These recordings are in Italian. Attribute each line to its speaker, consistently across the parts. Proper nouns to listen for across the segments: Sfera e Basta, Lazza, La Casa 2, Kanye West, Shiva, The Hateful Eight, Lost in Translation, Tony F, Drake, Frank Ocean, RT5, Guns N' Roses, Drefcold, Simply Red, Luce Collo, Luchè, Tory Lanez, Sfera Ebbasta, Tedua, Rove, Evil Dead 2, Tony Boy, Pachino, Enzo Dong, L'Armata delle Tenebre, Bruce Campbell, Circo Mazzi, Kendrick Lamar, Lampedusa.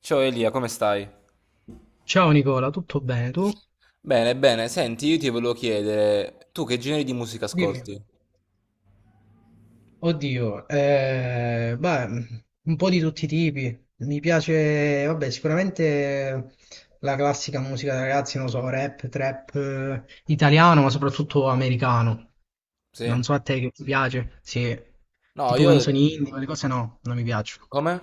Speaker 1: Ciao Elia, come stai?
Speaker 2: Ciao Nicola, tutto bene tu?
Speaker 1: Bene, bene, senti, io ti volevo chiedere, tu che generi di musica
Speaker 2: Dimmi,
Speaker 1: ascolti?
Speaker 2: oddio, beh, un po' di tutti i tipi. Mi piace, vabbè, sicuramente la classica musica da ragazzi, non so, rap, trap, italiano, ma soprattutto americano.
Speaker 1: Sì.
Speaker 2: Non so a te che ti piace, sì,
Speaker 1: No,
Speaker 2: tipo
Speaker 1: io...
Speaker 2: canzoni indie, quelle cose no, non mi piacciono.
Speaker 1: Come?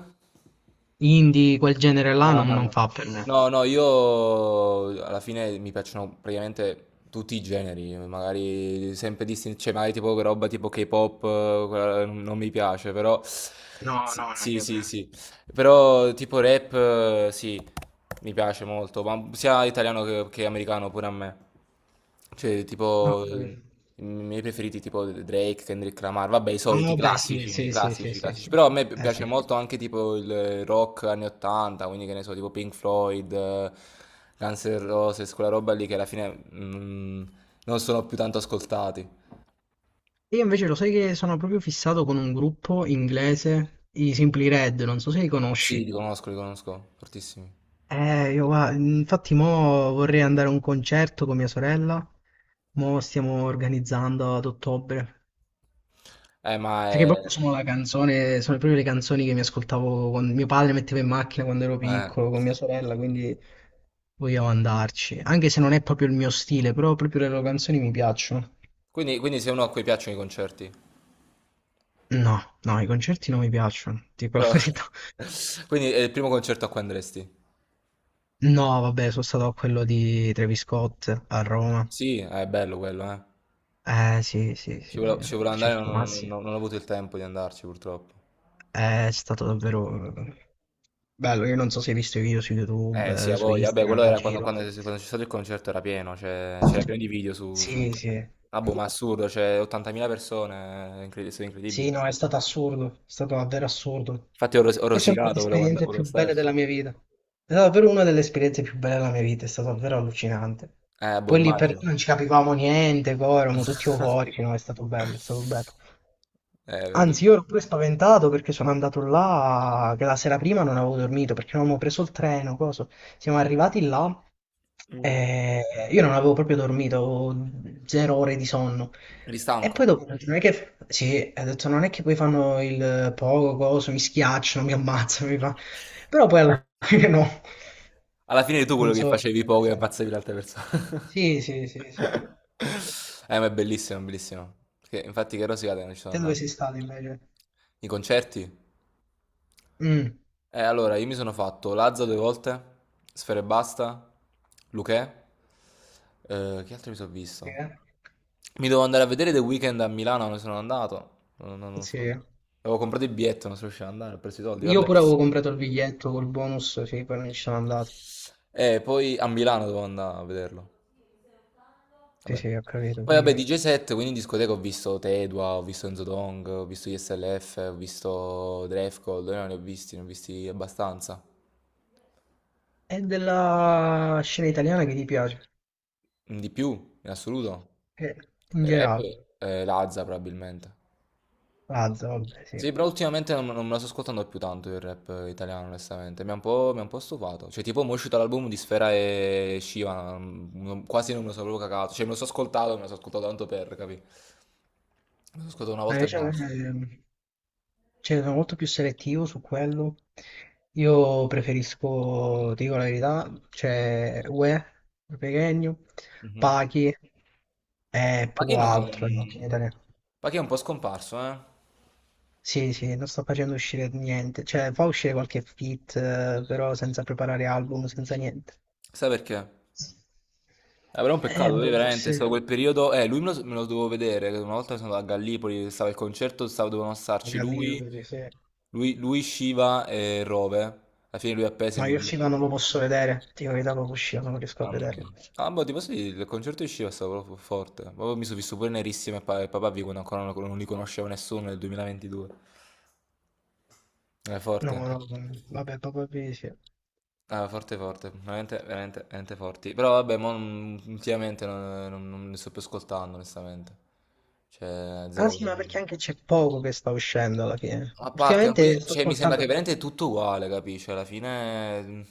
Speaker 2: Indie, quel genere là
Speaker 1: Ah,
Speaker 2: non
Speaker 1: no.
Speaker 2: fa per me.
Speaker 1: No, no, io alla fine mi piacciono praticamente tutti i generi, magari sempre distinti, cioè magari tipo roba tipo K-pop, quella non mi piace, però...
Speaker 2: No,
Speaker 1: Sì,
Speaker 2: no, non è
Speaker 1: sì,
Speaker 2: che
Speaker 1: sì,
Speaker 2: me.
Speaker 1: sì. Però tipo rap, sì, mi piace molto, ma sia italiano che americano pure a me. Cioè,
Speaker 2: No, ho
Speaker 1: tipo, i
Speaker 2: capito.
Speaker 1: miei preferiti tipo Drake, Kendrick Lamar, vabbè, i
Speaker 2: Ah
Speaker 1: soliti, i
Speaker 2: vabbè sì,
Speaker 1: classici, i
Speaker 2: sì, sì, sì,
Speaker 1: classici, i
Speaker 2: sì,
Speaker 1: classici.
Speaker 2: sì.
Speaker 1: Però a me piace
Speaker 2: Sì.
Speaker 1: molto anche tipo il rock anni 80, quindi che ne so, tipo Pink Floyd, Guns N' Roses, quella roba lì che alla fine non sono più tanto ascoltati.
Speaker 2: Io invece lo sai che sono proprio fissato con un gruppo inglese, i Simply Red, non so se li
Speaker 1: Sì,
Speaker 2: conosci.
Speaker 1: li conosco, fortissimi.
Speaker 2: Io guarda, infatti mo vorrei andare a un concerto con mia sorella, mo stiamo organizzando ad ottobre,
Speaker 1: Ma
Speaker 2: perché
Speaker 1: è...
Speaker 2: proprio sono la canzone, sono proprio le canzoni che mi ascoltavo quando mio padre metteva in macchina quando ero
Speaker 1: eh.
Speaker 2: piccolo con mia sorella, quindi vogliamo andarci, anche se non è proprio il mio stile, però proprio le loro canzoni mi piacciono.
Speaker 1: Quindi sei uno a cui piacciono i concerti.
Speaker 2: No, no, i concerti non mi piacciono, dico la
Speaker 1: Però
Speaker 2: verità.
Speaker 1: quindi è il primo concerto a cui andresti.
Speaker 2: No, vabbè, sono stato a quello di Travis Scott a Roma.
Speaker 1: Sì, è bello quello, eh.
Speaker 2: Eh sì, sì,
Speaker 1: Ci
Speaker 2: sì, sì,
Speaker 1: volevo, ci volevo andare, ma
Speaker 2: Circo Mazzi.
Speaker 1: non ho avuto il tempo di andarci purtroppo.
Speaker 2: È stato davvero bello. Io non so se hai visto i video su
Speaker 1: Eh sì,
Speaker 2: YouTube,
Speaker 1: a
Speaker 2: su
Speaker 1: voglia. Vabbè,
Speaker 2: Instagram,
Speaker 1: quello
Speaker 2: in
Speaker 1: era
Speaker 2: giro.
Speaker 1: quando c'è stato il concerto era pieno, cioè, c'era pieno di video su
Speaker 2: Sì, sì.
Speaker 1: internet. Ah boh, ma assurdo, cioè 80.000 persone, è è stato
Speaker 2: Sì,
Speaker 1: incredibile.
Speaker 2: no, è stato assurdo, è stato davvero assurdo.
Speaker 1: Infatti ho
Speaker 2: Forse è una delle
Speaker 1: rosicato,
Speaker 2: esperienze
Speaker 1: volevo
Speaker 2: più belle
Speaker 1: starci.
Speaker 2: della mia vita. È stata davvero una delle esperienze più belle della mia vita, è stato davvero allucinante.
Speaker 1: Boh,
Speaker 2: Poi lì per lì
Speaker 1: immagino.
Speaker 2: non ci capivamo niente, poi eravamo tutti euforici, no, è stato bello, è stato bello.
Speaker 1: D-
Speaker 2: Anzi, io ero pure spaventato perché sono andato là, che la sera prima non avevo dormito perché non avevo preso il treno, coso. Siamo arrivati là
Speaker 1: Mm.
Speaker 2: e io non avevo proprio dormito, avevo 0 ore di sonno.
Speaker 1: Eri
Speaker 2: E poi
Speaker 1: stanco?
Speaker 2: dopo, ho detto, non è che, sì, ho detto, non è che poi fanno il poco, coso, mi schiacciano, mi ammazzano, mi fa. Però poi alla fine no,
Speaker 1: Alla fine eri tu quello
Speaker 2: non
Speaker 1: che
Speaker 2: so.
Speaker 1: facevi poco e ammazzavi l'altra persona.
Speaker 2: Sì, sì, sì, sì. Sì.
Speaker 1: Ma è bellissimo, bellissimo. Perché infatti che rosicata non ci sono
Speaker 2: Te dove
Speaker 1: andato.
Speaker 2: sei stato invece?
Speaker 1: I concerti?
Speaker 2: Mm.
Speaker 1: Allora, io mi sono fatto Lazza due volte, Sfera e Basta, Luchè. Che altro mi sono
Speaker 2: Sì,
Speaker 1: visto?
Speaker 2: eh?
Speaker 1: Mi dovevo andare a vedere The Weeknd a Milano, non sono andato. Non fa-
Speaker 2: Sì.
Speaker 1: Avevo comprato il biglietto, non sono riuscito ad andare, ho preso i soldi,
Speaker 2: Io
Speaker 1: vabbè.
Speaker 2: pure avevo comprato il biglietto col bonus, sì, poi non ci sono andato.
Speaker 1: E poi a Milano dovevo andare a vederlo.
Speaker 2: Sì,
Speaker 1: Vabbè.
Speaker 2: sì, ho capito,
Speaker 1: Poi vabbè,
Speaker 2: prima.
Speaker 1: DJ set, quindi in discoteca ho visto Tedua, ho visto Enzo Dong, ho visto ISLF, ho visto Drefcold, no, ne ho visti abbastanza.
Speaker 2: È della scena italiana che ti piace?
Speaker 1: Di più, in assoluto.
Speaker 2: Eh, in
Speaker 1: E Rap,
Speaker 2: generale.
Speaker 1: Lazza probabilmente.
Speaker 2: Lazza, vabbè, sì.
Speaker 1: Sì, però ultimamente non me la sto ascoltando più tanto il rap italiano, onestamente. Mi ha un po' stufato. Cioè, tipo, mo' è uscito l'album di Sfera e Shiva, quasi non me lo sono proprio cagato. Cioè, me lo so ascoltato, me lo so ascoltato tanto per, capì? Me lo so ascoltato una
Speaker 2: Ma
Speaker 1: volta e
Speaker 2: invece a me,
Speaker 1: basta.
Speaker 2: cioè, sono molto più selettivo su quello. Io preferisco, ti dico la verità, cioè UE, Pechegno,
Speaker 1: Mhm.
Speaker 2: Pachi e poco
Speaker 1: Pachino è,
Speaker 2: altro in
Speaker 1: un-
Speaker 2: italiano.
Speaker 1: Pachino è un po' scomparso, eh?
Speaker 2: Sì, sì, non sto facendo uscire niente, cioè fa uscire qualche feat, però senza preparare album, senza niente.
Speaker 1: Sai perché? Però è un
Speaker 2: Eh,
Speaker 1: peccato, lui
Speaker 2: boh,
Speaker 1: veramente, è
Speaker 2: forse
Speaker 1: stato quel periodo... lui me lo dovevo vedere, che una volta sono andato a Gallipoli, stava il concerto, stava, dovevano starci
Speaker 2: magari io
Speaker 1: lui,
Speaker 2: credo di sì.
Speaker 1: lui, lui, Shiva e Rove. Alla fine lui appese e
Speaker 2: No,
Speaker 1: mi...
Speaker 2: io il
Speaker 1: invitò.
Speaker 2: film non lo posso vedere, ti dico che dopo uscire non riesco a
Speaker 1: Mamma mia.
Speaker 2: vederlo.
Speaker 1: Ah, boh, ti posso dire, il concerto di Shiva è stato proprio forte. Proprio mi sono visto pure nerissimo e e papà vi quando ancora non li conosceva nessuno nel 2022. È
Speaker 2: No,
Speaker 1: forte.
Speaker 2: no, no, vabbè, proprio di sì.
Speaker 1: Ah, forte forte, veramente, veramente, veramente forti. Però vabbè, mo non- ultimamente non li sto più ascoltando, onestamente. Cioè,
Speaker 2: Ah
Speaker 1: zero
Speaker 2: sì, ma
Speaker 1: proprio.
Speaker 2: perché anche c'è poco che sta uscendo alla fine.
Speaker 1: A parte, ma poi,
Speaker 2: Ultimamente sto
Speaker 1: cioè, mi sembra che
Speaker 2: ascoltando
Speaker 1: veramente è tutto uguale, capisci? Alla fine,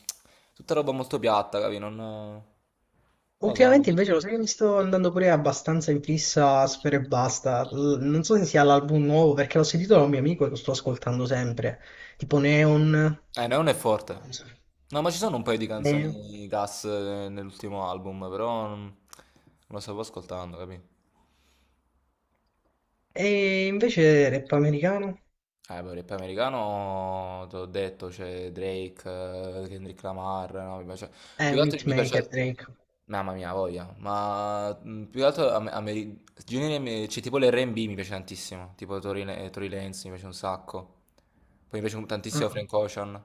Speaker 1: tutta roba molto piatta, capi? Non lo so. Non-
Speaker 2: Ultimamente invece lo sai che mi sto andando pure abbastanza in fissa a Sfera e Basta. Non so se sia l'album nuovo perché l'ho sentito da un mio amico e lo sto ascoltando sempre. Tipo Neon. Non
Speaker 1: Non è forte.
Speaker 2: so.
Speaker 1: No, ma ci sono un paio di
Speaker 2: Neon.
Speaker 1: canzoni gas nell'ultimo album, però non lo stavo ascoltando, capi?
Speaker 2: E invece rap americano?
Speaker 1: Beh, il rap americano, te l'ho detto, c'è Drake, Kendrick Lamar, no, mi piace-
Speaker 2: È
Speaker 1: Più che
Speaker 2: un
Speaker 1: altro mi
Speaker 2: hitmaker
Speaker 1: piace...
Speaker 2: Drake.
Speaker 1: Mamma mia, voglia. Ma più che altro cioè, tipo l'R&B mi piace tantissimo, tipo Tory Lanez mi piace un sacco. Poi mi piace tantissimo
Speaker 2: Ah,
Speaker 1: Frank Ocean.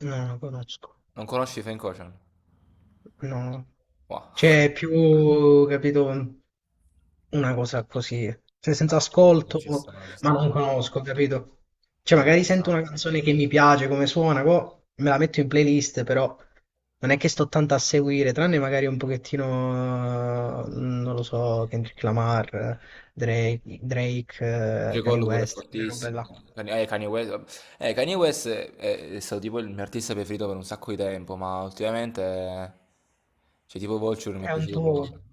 Speaker 2: no, non lo conosco.
Speaker 1: Non conosci Frank Ocean?
Speaker 2: No.
Speaker 1: Wow.
Speaker 2: Cioè, è più, capito, una cosa così,
Speaker 1: Ah,
Speaker 2: senza
Speaker 1: ci
Speaker 2: ascolto,
Speaker 1: sta, ci
Speaker 2: ma
Speaker 1: sta.
Speaker 2: non conosco, capito? Cioè,
Speaker 1: Vabbè,
Speaker 2: magari
Speaker 1: ci sta.
Speaker 2: sento una canzone che mi piace, come suona, me la metto in playlist, però non è che sto tanto a seguire, tranne magari un pochettino, non lo so, Kendrick Lamar, Drake, Drake,
Speaker 1: Luce
Speaker 2: Kanye
Speaker 1: Collo pure è
Speaker 2: West, quelle robe
Speaker 1: fortissimo.
Speaker 2: là.
Speaker 1: Kanye West, Kanye West è stato tipo il mio artista preferito per un sacco di tempo, ma ultimamente, cioè tipo Vulture non mi è
Speaker 2: È un
Speaker 1: piaciuto proprio.
Speaker 2: po'.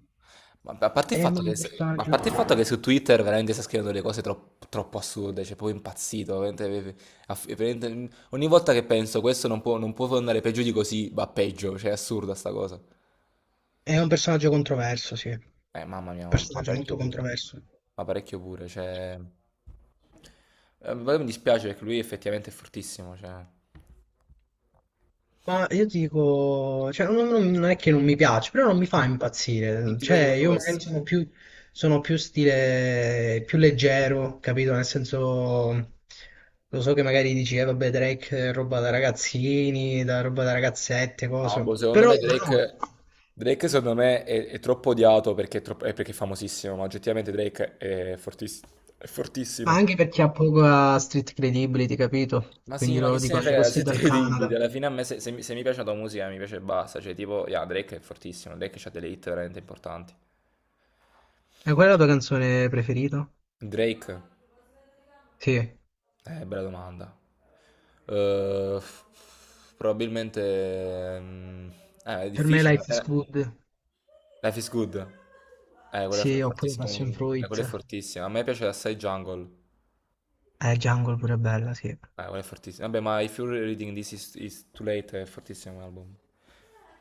Speaker 1: Ma a parte il
Speaker 2: È
Speaker 1: fatto che,
Speaker 2: un
Speaker 1: ma a
Speaker 2: personaggio,
Speaker 1: parte il fatto che su Twitter veramente sta scrivendo delle cose troppo, troppo assurde, cioè proprio impazzito. Veramente- veramente- ogni volta che penso questo non può andare peggio di così, va peggio, cioè è assurda sta cosa.
Speaker 2: è un personaggio controverso, sì. Un
Speaker 1: Mamma mia, ma
Speaker 2: personaggio molto
Speaker 1: parecchio pure.
Speaker 2: controverso.
Speaker 1: Ma parecchio pure, cioè... poi mi dispiace perché lui effettivamente è fortissimo, cioè... Non
Speaker 2: Ma io dico, cioè, non è che non mi piace, però non mi fa impazzire.
Speaker 1: ti piace
Speaker 2: Cioè,
Speaker 1: Kanye
Speaker 2: io magari
Speaker 1: West?
Speaker 2: sono più, stile, più leggero, capito? Nel senso, lo so che magari dici, vabbè, Drake è roba da ragazzini, da roba da ragazzette,
Speaker 1: No,
Speaker 2: cose.
Speaker 1: boh, secondo
Speaker 2: Però
Speaker 1: me
Speaker 2: no,
Speaker 1: Drake... Drake secondo me è troppo odiato perché è, è perché è famosissimo, ma oggettivamente Drake è è
Speaker 2: ma
Speaker 1: fortissimo.
Speaker 2: anche perché ha poca street credibility, capito?
Speaker 1: Ma
Speaker 2: Quindi
Speaker 1: sì, ma che
Speaker 2: loro
Speaker 1: se ne
Speaker 2: dicono,
Speaker 1: frega,
Speaker 2: questo è
Speaker 1: siete
Speaker 2: dal
Speaker 1: credibili.
Speaker 2: Canada."
Speaker 1: Alla fine a me se mi piace la tua musica mi piace e basta. Cioè, tipo, yeah, Drake è fortissimo, Drake ha delle hit veramente importanti.
Speaker 2: E qual è la tua canzone preferita?
Speaker 1: Drake?
Speaker 2: Sì,
Speaker 1: Bella domanda. Probabilmente... mm, è
Speaker 2: per me
Speaker 1: difficile.
Speaker 2: Life is Good,
Speaker 1: Life is good. Quella è
Speaker 2: sì, oppure
Speaker 1: fortissima.
Speaker 2: Passion
Speaker 1: Eh, quella è
Speaker 2: Fruit.
Speaker 1: fortissima. A me piace assai Jungle.
Speaker 2: Jungle pure è bella, sì.
Speaker 1: Quella è fortissima. Vabbè, ma If You're Reading This Is Too Late è fortissimo come album.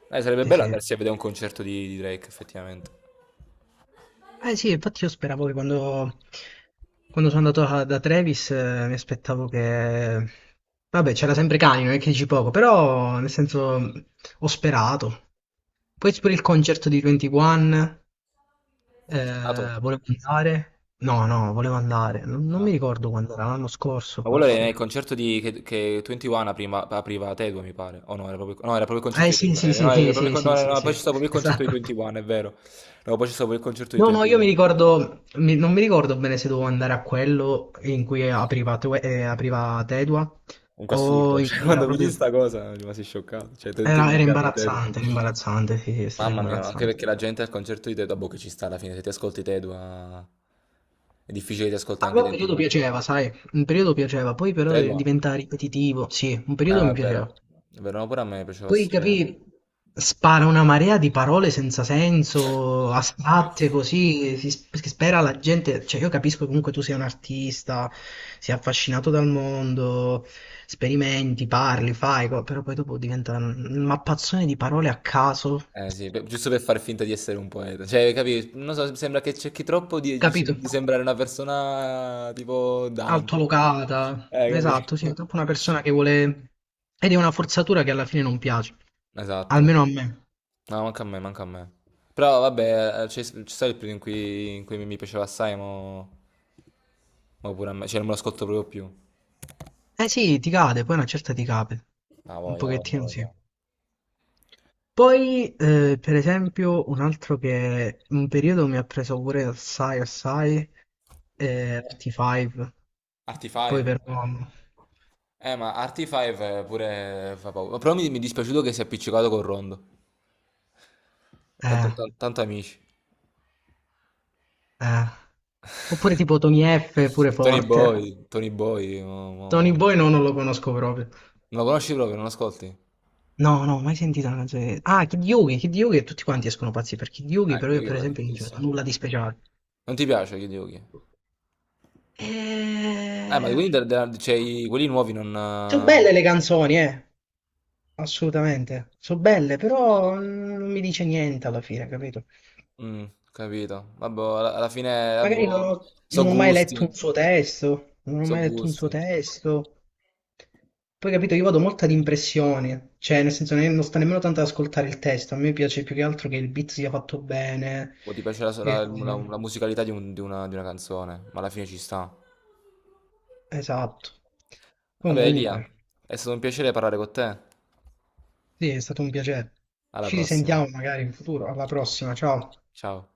Speaker 1: Sarebbe
Speaker 2: Sì,
Speaker 1: bello
Speaker 2: sì.
Speaker 1: andarsi a vedere un concerto di Drake, effettivamente.
Speaker 2: Eh sì, infatti io speravo che quando, sono andato da Travis mi aspettavo che. Vabbè, c'era sempre Kanye, non è che dici poco, però nel senso ho sperato. Poi pure il concerto di 21,
Speaker 1: Sei andato?
Speaker 2: volevo andare. No, no, volevo andare. Non mi
Speaker 1: No.
Speaker 2: ricordo quando era, l'anno scorso
Speaker 1: Ma quello era nel
Speaker 2: forse.
Speaker 1: concerto che 21 prima, apriva Tedua, mi pare. O no, era proprio, no, era proprio il
Speaker 2: Eh
Speaker 1: concerto di
Speaker 2: sì,
Speaker 1: Tedua.
Speaker 2: sì, sì,
Speaker 1: No, era
Speaker 2: sì, sì,
Speaker 1: proprio, no,
Speaker 2: sì,
Speaker 1: no,
Speaker 2: sì,
Speaker 1: no, poi c'è
Speaker 2: sì.
Speaker 1: stato proprio il concerto di
Speaker 2: Esatto.
Speaker 1: 21, è vero. No, poi c'è stato proprio il concerto di
Speaker 2: No, no, io mi
Speaker 1: 21.
Speaker 2: ricordo, non mi ricordo bene se dovevo andare a quello in cui apriva Tedua
Speaker 1: Comunque
Speaker 2: o
Speaker 1: assurdo,
Speaker 2: in
Speaker 1: cioè
Speaker 2: cui era
Speaker 1: quando
Speaker 2: proprio.
Speaker 1: vedi sta cosa mi rimasi scioccato. Cioè
Speaker 2: Era,
Speaker 1: 21
Speaker 2: era
Speaker 1: che apre Tedua.
Speaker 2: imbarazzante, era imbarazzante, sì, sì, è stato
Speaker 1: Mamma mia, ma anche
Speaker 2: imbarazzante.
Speaker 1: perché la gente al concerto di Tedua, boh, che ci sta alla fine, se ti ascolti Tedua è difficile che ti ascolti
Speaker 2: A me
Speaker 1: anche
Speaker 2: un periodo
Speaker 1: 21.
Speaker 2: piaceva, sai, un periodo piaceva, poi però
Speaker 1: Tedua?
Speaker 2: diventa ripetitivo, sì, un
Speaker 1: Ah,
Speaker 2: periodo
Speaker 1: no,
Speaker 2: mi
Speaker 1: è vero.
Speaker 2: piaceva.
Speaker 1: È vero, no, pure a me piaceva.
Speaker 2: Poi
Speaker 1: Cioè...
Speaker 2: capì, spara una marea di parole senza senso, astratte così, che spera la gente, cioè io capisco che comunque tu sei un artista, sei affascinato dal mondo, sperimenti, parli, fai, però poi dopo diventa un mappazzone di parole a caso,
Speaker 1: Eh sì, giusto per far finta di essere un poeta. Cioè, capi? Non so, sembra che cerchi troppo
Speaker 2: capito?
Speaker 1: di sembrare una persona tipo Dante.
Speaker 2: Altolocata, esatto,
Speaker 1: Capi?
Speaker 2: sì, troppo una persona che vuole ed è una forzatura che alla fine non piace,
Speaker 1: Esatto.
Speaker 2: almeno a me.
Speaker 1: No, manca a me, manca a me. Però vabbè, c'è stato il periodo in cui mi piaceva assai, mo, mo pure a me, cioè non me lo ascolto proprio più.
Speaker 2: Eh sì, ti cade, poi una certa ti cade,
Speaker 1: Ah,
Speaker 2: un
Speaker 1: voglia, voglia,
Speaker 2: pochettino sì.
Speaker 1: voglia.
Speaker 2: Poi, per esempio, un altro che un periodo mi ha preso pure assai, assai, RT5, poi
Speaker 1: RT5?
Speaker 2: però.
Speaker 1: Ma RT5 pure fa paura. Però mi è dispiaciuto che si è appiccicato col Rondo. Tanto,
Speaker 2: Eh,
Speaker 1: tanto amici.
Speaker 2: eh. Oppure tipo Tony F, pure
Speaker 1: Tony Boy,
Speaker 2: forte.
Speaker 1: Tony Boy,
Speaker 2: Tony Boy no, non lo conosco proprio.
Speaker 1: non lo conosci proprio, non lo ascolti?
Speaker 2: No, no, mai sentito una canzone. Ah, Kid Yugi, Kid Yugi, tutti quanti escono pazzi per Kid Yugi, però
Speaker 1: Kid
Speaker 2: io per
Speaker 1: Yugi è
Speaker 2: esempio non c'è
Speaker 1: fortissimo.
Speaker 2: nulla di speciale.
Speaker 1: Non ti piace Kid Yugi? Ma
Speaker 2: Eh,
Speaker 1: quelli, c'è quelli nuovi non...
Speaker 2: Sono belle le canzoni, eh. Assolutamente. So' belle, però non mi dice niente alla fine, capito?
Speaker 1: mm, capito. Vabbè, alla fine, vabbè,
Speaker 2: Magari non ho,
Speaker 1: so
Speaker 2: mai letto
Speaker 1: gusti,
Speaker 2: un suo testo, non ho
Speaker 1: so
Speaker 2: mai letto un suo
Speaker 1: gusti.
Speaker 2: testo. Poi, capito, io vado molto ad impressioni, cioè nel senso non sta nemmeno tanto ad ascoltare il testo, a me piace più che altro che il beat sia fatto bene.
Speaker 1: Boh, ti piace la,
Speaker 2: e-
Speaker 1: la musicalità di una canzone, ma alla fine ci sta.
Speaker 2: esatto.
Speaker 1: Vabbè, Elia,
Speaker 2: Comunque,
Speaker 1: è stato un piacere parlare con te.
Speaker 2: sì, è stato un piacere.
Speaker 1: Alla
Speaker 2: Ci
Speaker 1: prossima.
Speaker 2: risentiamo magari in futuro, alla prossima, ciao.
Speaker 1: Ciao.